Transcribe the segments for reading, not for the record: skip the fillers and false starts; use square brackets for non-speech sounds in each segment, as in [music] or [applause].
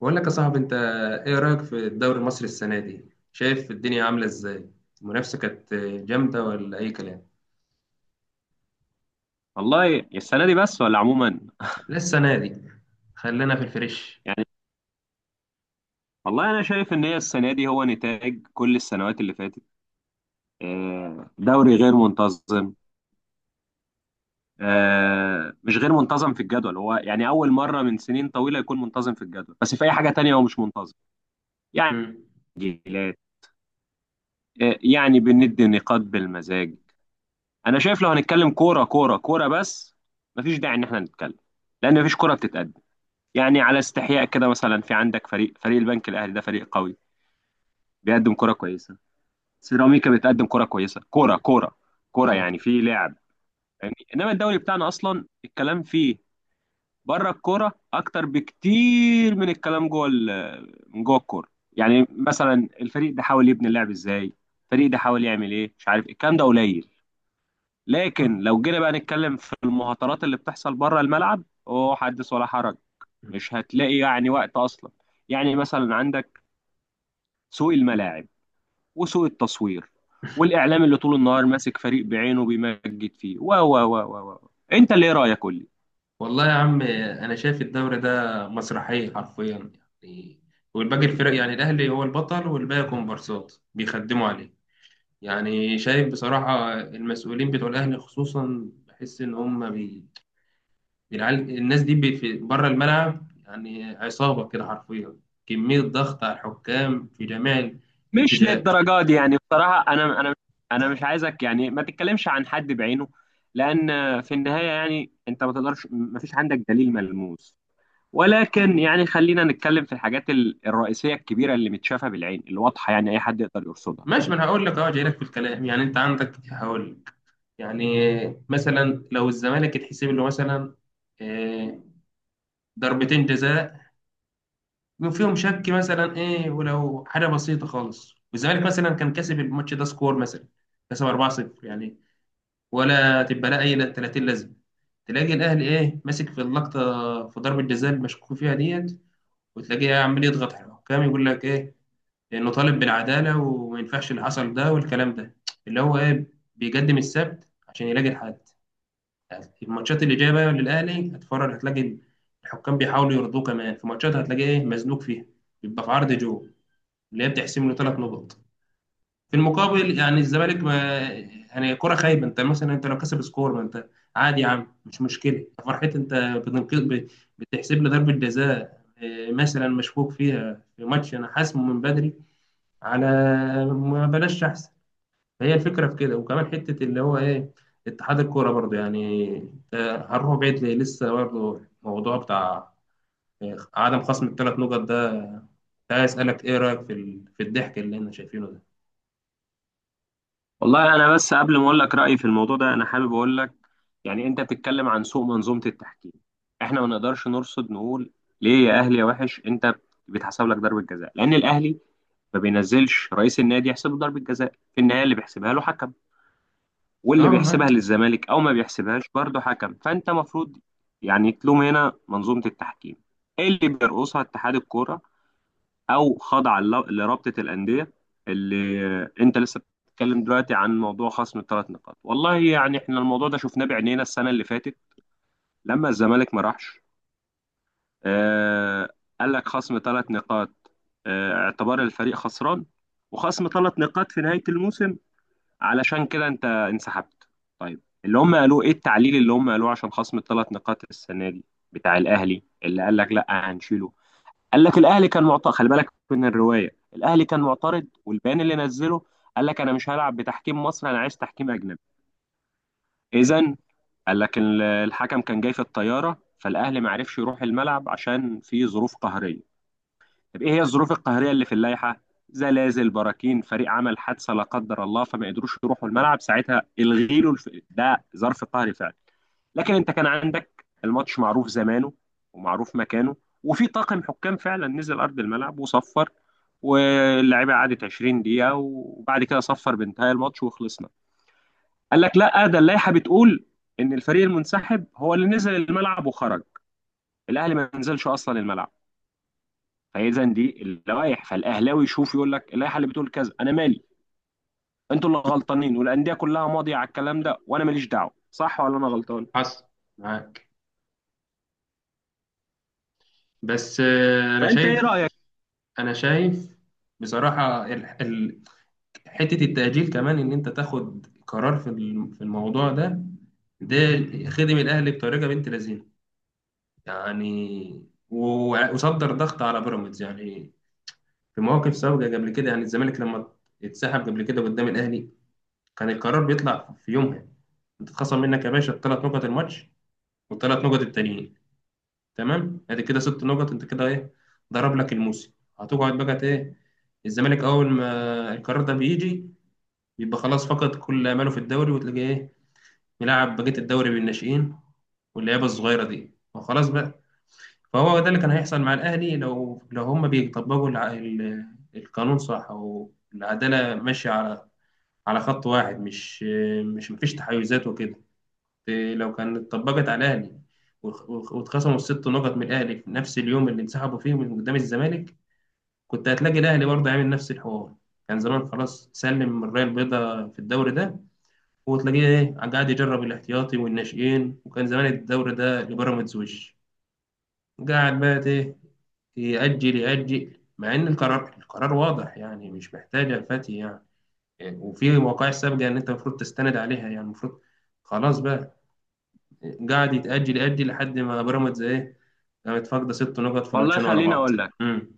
بقول لك يا صاحبي انت، ايه رايك في الدوري المصري السنه دي؟ شايف الدنيا عامله ازاي؟ المنافسه كانت جامده ولا اي كلام؟ والله السنة دي بس ولا عموما؟ لا، السنه دي. خلينا في الفريش. يعني، والله أنا شايف إن هي السنة دي هو نتاج كل السنوات اللي فاتت. آه، دوري غير منتظم. آه، مش غير منتظم في الجدول، هو يعني أول مرة من سنين طويلة يكون منتظم في الجدول، بس في أي حاجة تانية هو مش منتظم. يعني امم. تسجيلات، آه، يعني بندي نقاط بالمزاج. أنا شايف لو هنتكلم كورة كورة كورة بس، مفيش داعي إن إحنا نتكلم، لأن مفيش كورة بتتقدم. يعني على استحياء كده، مثلا في عندك فريق البنك الأهلي، ده فريق قوي، بيقدم كرة كويسة. سيراميكا بتقدم كرة كويسة، كرة كرة اه. يعني في لعب. يعني انما الدوري بتاعنا اصلا الكلام فيه بره الكرة اكتر بكتير من الكلام جوه من جوه الكرة، يعني مثلا الفريق ده حاول يبني اللعب ازاي، الفريق ده حاول يعمل ايه مش عارف إيه. الكلام ده قليل. لكن آه. لو جينا بقى نتكلم في المهاترات اللي بتحصل بره الملعب، اوه حدث ولا حرج. مم. مش هتلاقي يعني وقت اصلا. يعني مثلا عندك سوق الملاعب وسوء التصوير والاعلام اللي طول النهار ماسك فريق بعينه بيمجد فيه و و و و و انت اللي ايه رايك قول لي. والله يا عم، انا شايف الدوري ده مسرحيه حرفيا يعني، والباقي الفرق، يعني الاهلي هو البطل والباقي كومبارسات بيخدموا عليه. يعني شايف بصراحه المسؤولين بتوع الاهلي خصوصا، بحس ان هم العيال الناس دي في بره الملعب يعني عصابة كده حرفيا. كمية ضغط على الحكام في جميع مش الاتجاهات. للدرجه دي يعني بصراحه، انا انا مش عايزك، يعني ما تتكلمش عن حد بعينه، لان في النهايه يعني انت ما تقدرش، ما فيش عندك دليل ملموس. ولكن يعني خلينا نتكلم في الحاجات الرئيسيه الكبيره اللي متشافه بالعين، اللي واضحه يعني اي حد يقدر يرصدها. ماشي، ما انا هقول لك، جاي لك في الكلام يعني، انت عندك، هقول لك. يعني مثلا لو الزمالك يتحسب له مثلا آه، ضربتين جزاء، يبقى فيهم شك مثلا ايه، ولو حاجة بسيطة خالص، والزمالك مثلا كان كسب الماتش ده سكور، مثلا كسب 4-0 يعني، ولا تبقى لها اي 30 لازمه، تلاقي الاهلي ايه ماسك في اللقطه في ضربه جزاء المشكوك فيها ديت، وتلاقيه عمال يضغط على الحكام، يقول لك ايه، انه طالب بالعداله وما ينفعش اللي حصل ده، والكلام ده اللي هو ايه، بيقدم السبت عشان يلاقي الحد. الماتشات اللي جايه بقى للاهلي هتفرج، هتلاقي الحكام بيحاولوا يرضوه، كمان في ماتشات هتلاقيه ايه مزنوق فيها، بيبقى في عرض جو، اللي هي بتحسم له 3 نقط. في المقابل يعني الزمالك ما، يعني كرة خايبة، انت مثلا انت لو كسب سكور ما انت عادي يا عم، مش مشكلة، فرحت، انت بتنقذ بتحسب لي ضربة جزاء مثلا مشكوك فيها في ماتش انا حاسمه من بدري، على ما بلاش احسن. هي الفكرة في كده، وكمان حتة اللي هو ايه، اتحاد الكورة برضه، يعني انت هنروح بعيد ليه، لسه برضه الموضوع بتاع اه، عدم خصم الـ3 نقط ده. عايز اسألك ايه رأيك في في الضحك اللي احنا شايفينه ده؟ والله انا بس قبل ما اقول لك رايي في الموضوع ده، انا حابب اقول لك يعني انت بتتكلم عن سوء منظومه التحكيم. احنا ما نقدرش نرصد نقول ليه يا اهلي يا وحش انت بيتحسب لك ضربه جزاء، لان الاهلي ما بينزلش رئيس النادي يحسبه ضربه جزاء، في النهايه اللي بيحسبها له حكم، واللي تمام، بيحسبها معاك. للزمالك او ما بيحسبهاش برضه حكم. فانت مفروض يعني تلوم هنا منظومه التحكيم، ايه اللي بيرقصها اتحاد الكوره او خاضع لرابطه الانديه. اللي انت لسه بتتكلم دلوقتي عن موضوع خصم الـ3 نقاط، والله يعني احنا الموضوع ده شفناه بعينينا السنه اللي فاتت لما الزمالك ما راحش. آه، قال لك خصم 3 نقاط، آه، اعتبار الفريق خسران، وخصم 3 نقاط في نهايه الموسم، علشان كده انت انسحبت. طيب اللي هم قالوه ايه؟ التعليل اللي هم قالوه عشان خصم الـ3 نقاط السنه دي بتاع الاهلي اللي قال لك لا هنشيله. قال لك الاهلي كان معترض، خلي بالك من الروايه، الاهلي كان معترض والبيان اللي نزله، قال لك انا مش هلعب بتحكيم مصري، انا عايز تحكيم اجنبي. اذا قال لك الحكم كان جاي في الطياره، فالاهلي ما عرفش يروح الملعب عشان في ظروف قهريه. طب ايه هي الظروف القهريه اللي في اللائحه؟ زلازل، براكين، فريق عمل حادثه لا قدر الله فما قدروش يروحوا الملعب ساعتها، الغي له ده ظرف قهري فعلا. لكن انت كان عندك الماتش معروف زمانه ومعروف مكانه، وفي طاقم حكام فعلا نزل ارض الملعب وصفر، واللعيبه قعدت 20 دقيقه، وبعد كده صفر بانتهاء الماتش وخلصنا. قال لك لا، ده اللائحه بتقول ان الفريق المنسحب هو اللي نزل الملعب وخرج، الاهلي ما نزلش اصلا الملعب. فاذا دي اللوائح فالاهلاوي يشوف يقول لك اللائحه اللي بتقول كذا انا مالي، انتوا اللي غلطانين، والانديه كلها ماضيه على الكلام ده وانا ماليش دعوه. صح ولا انا غلطان؟ حصل، معاك. بس انا فانت ايه شايف رايك؟ انا شايف بصراحه، حته التاجيل كمان، ان انت تاخد قرار في في الموضوع ده، ده خدم الاهلي بطريقه بنت لذينه يعني، وصدر ضغط على بيراميدز يعني. في مواقف سابقه قبل كده، يعني الزمالك لما اتسحب قبل كده قدام الاهلي، كان القرار بيطلع في يومها، انت اتخصم منك يا باشا الثلاث نقط الماتش، والثلاث نقط التانيين. تمام، ادي كده 6 نقط، انت كده ايه، ضرب لك الموسم. هتقعد بقى ايه، الزمالك اول ما القرار ده بيجي، بيبقى خلاص، فقد كل اماله في الدوري، وتلاقيه ايه ملاعب بقيه الدوري بالناشئين واللعيبه الصغيره دي، وخلاص بقى. فهو ده اللي كان هيحصل مع الاهلي، لو هم بيطبقوا القانون صح، او العداله ماشيه على خط واحد، مش مفيش تحيزات وكده. لو كانت اتطبقت على الاهلي واتخصموا الـ6 نقط من الاهلي في نفس اليوم اللي انسحبوا فيه من قدام الزمالك، كنت هتلاقي الاهلي برضه عامل نفس الحوار، كان زمان خلاص سلم من الرايه البيضاء في الدوري ده، وتلاقيه ايه قاعد يجرب الاحتياطي والناشئين، وكان زمان الدوري ده لبيراميدز وش. قاعد بقى ايه، يأجل يأجل، مع ان القرار القرار واضح يعني، مش محتاجه الفتي يعني. وفي وقائع سابقه ان انت المفروض تستند عليها يعني، المفروض خلاص بقى، قاعد يتأجل يأجل لحد ما بيراميدز إيه، كانت فاقدة 6 نقط في والله ماتشين ورا خليني بعض. اقول لك امم.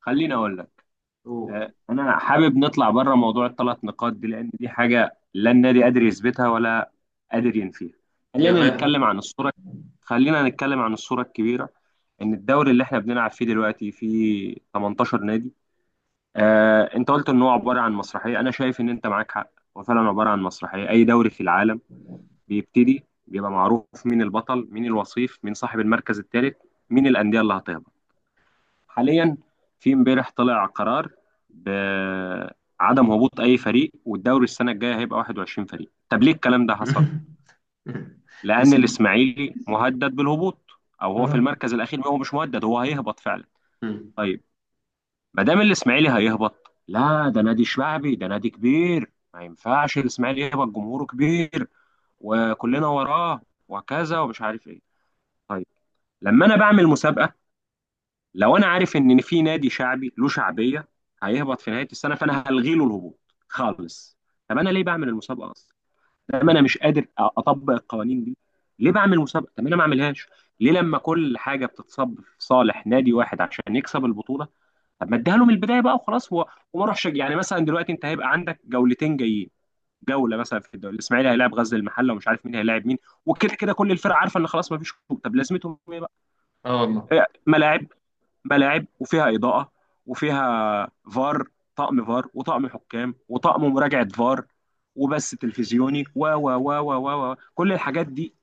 خليني اقول لك أوه. آه، انا حابب نطلع بره موضوع الـ3 نقاط دي، لان دي حاجه لا النادي قادر يثبتها ولا قادر ينفيها. هي خلينا غير. نتكلم عن الصوره، خلينا نتكلم عن الصوره الكبيره. ان الدوري اللي احنا بنلعب فيه دلوقتي فيه 18 نادي. آه، انت قلت ان هو عباره عن مسرحيه، انا شايف ان انت معاك حق، هو فعلا عباره عن مسرحيه. اي دوري في العالم بيبتدي بيبقى معروف مين البطل، مين الوصيف، مين صاحب المركز الثالث، مين الانديه اللي هتهبط. حاليا في امبارح طلع قرار بعدم هبوط اي فريق، والدوري السنه الجايه هيبقى 21 فريق. طب ليه الكلام ده حصل؟ [laughs] [applause] لان الاسم. الاسماعيلي مهدد بالهبوط، او هو في اه. المركز الاخير، هو مش مهدد هو هيهبط فعلا. امم. طيب، ما دام الاسماعيلي هيهبط، لا ده نادي شعبي ده نادي كبير ما ينفعش الاسماعيلي يهبط، جمهوره كبير وكلنا وراه وكذا ومش عارف ايه. طيب، لما انا بعمل مسابقه، لو انا عارف ان في نادي شعبي له شعبيه هيهبط في نهايه السنه فانا هلغي له الهبوط خالص، طب انا ليه بعمل المسابقه اصلا؟ لما انا مش قادر اطبق القوانين دي ليه بعمل مسابقه؟ طب انا ما اعملهاش. ليه لما كل حاجه بتتصب في صالح نادي واحد عشان يكسب البطوله، طب ما اديها له من البدايه بقى وخلاص، وما اروحش يعني مثلا دلوقتي انت هيبقى عندك جولتين جايين، جوله مثلا في الدوري الاسماعيلي هيلاعب غزل المحله، ومش عارف مين هيلاعب مين، وكده كده كل الفرق عارفه ان خلاص ما فيش هبوط. طب لازمتهم ايه بقى؟ اه، والله. إيه، ملاعب، ملاعب وفيها اضاءه وفيها فار، طقم فار وطقم حكام وطقم مراجعه فار وبث تلفزيوني و و و و و و كل الحاجات دي،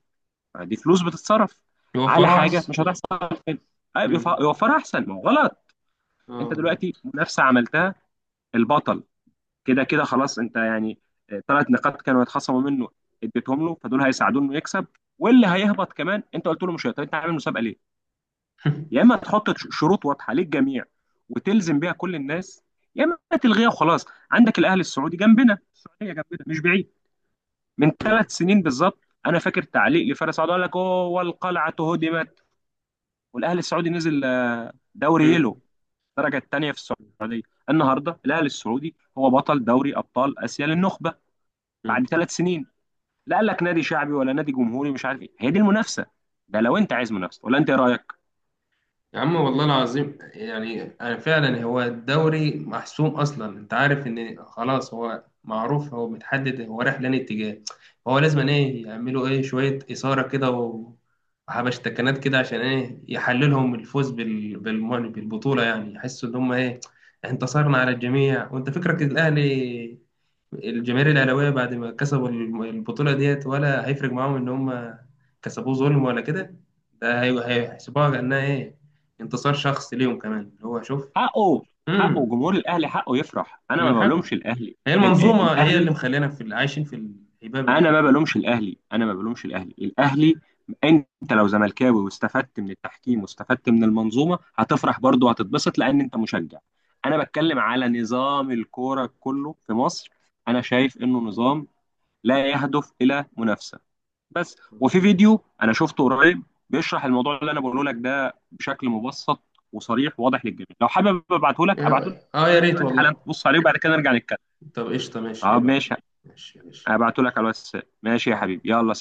دي فلوس بتتصرف على يوفروا حاجه أحسن. مش هتحصل تاني. أيوة، امم. يوفرها احسن، ما هو غلط. اه، انت والله. دلوقتي منافسه عملتها، البطل كده كده خلاص انت يعني 3 نقاط كانوا يتخصموا منه اديتهم له فدول هيساعدوه انه يكسب، واللي هيهبط كمان انت قلت له مش هيقدر، انت عامل مسابقه ليه؟ يا اما [laughs] [applause] تحط شروط واضحه للجميع وتلزم بيها كل الناس، يا اما تلغيها وخلاص. عندك الاهلي السعودي جنبنا، السعوديه جنبنا مش بعيد، من امم. 3 سنين بالظبط انا فاكر تعليق لفارس سعد قال لك اوه القلعه هدمت، والاهلي السعودي نزل آه، دوري امم. يلو، الدرجه الثانيه في السعوديه. النهارده الاهلي السعودي هو بطل دوري ابطال اسيا للنخبه، امم. بعد 3 سنين. لا قال لك نادي شعبي ولا نادي جمهوري مش عارف ايه، هي دي المنافسه ده لو انت عايز منافسه، ولا انت ايه رايك؟ يا عم، والله العظيم يعني، أنا فعلا هو الدوري محسوم اصلا، انت عارف ان خلاص، هو معروف، هو متحدد، هو رايح لأنهي اتجاه، فهو لازم ايه، يعملوا ايه شوية إثارة كده وحبشتكنات كده عشان ايه يحللهم الفوز بالبطولة يعني، يحسوا ان هم ايه انتصرنا على الجميع. وانت فكرك الاهلي، الجماهير الاهلاويه بعد ما كسبوا البطوله ديت، ولا هيفرق معاهم ان هم كسبوه ظلم ولا كده؟ ده هيحسبوها كانها ايه انتصار شخصي ليهم كمان، اللي هو شوف. حقه، حقه امم. جمهور الاهلي حقه يفرح، انا ما من بلومش حق. الاهلي. هي المنظومه هي الاهلي، اللي مخلينا في عايشين في الهباب اللي انا احنا ما فيه ده. بلومش الاهلي، انا ما بلومش الاهلي. انت لو زملكاوي واستفدت من التحكيم واستفدت من المنظومه هتفرح برضه وهتتبسط لان انت مشجع. انا بتكلم على نظام الكوره كله في مصر، انا شايف انه نظام لا يهدف الى منافسه بس. مم. وفي فيديو انا شفته قريب بيشرح الموضوع اللي انا بقوله لك ده بشكل مبسط وصريح وواضح للجميع، لو حابب ابعته لك ابعته لك يا ريت دلوقتي حالا والله. تبص عليه وبعد كده نرجع نتكلم. طب قشطه، ماشي ايه طب بقى. ماشي، ماشي، ماشي. ابعته لك على الواتساب. ماشي يا حبيبي آه. يلا.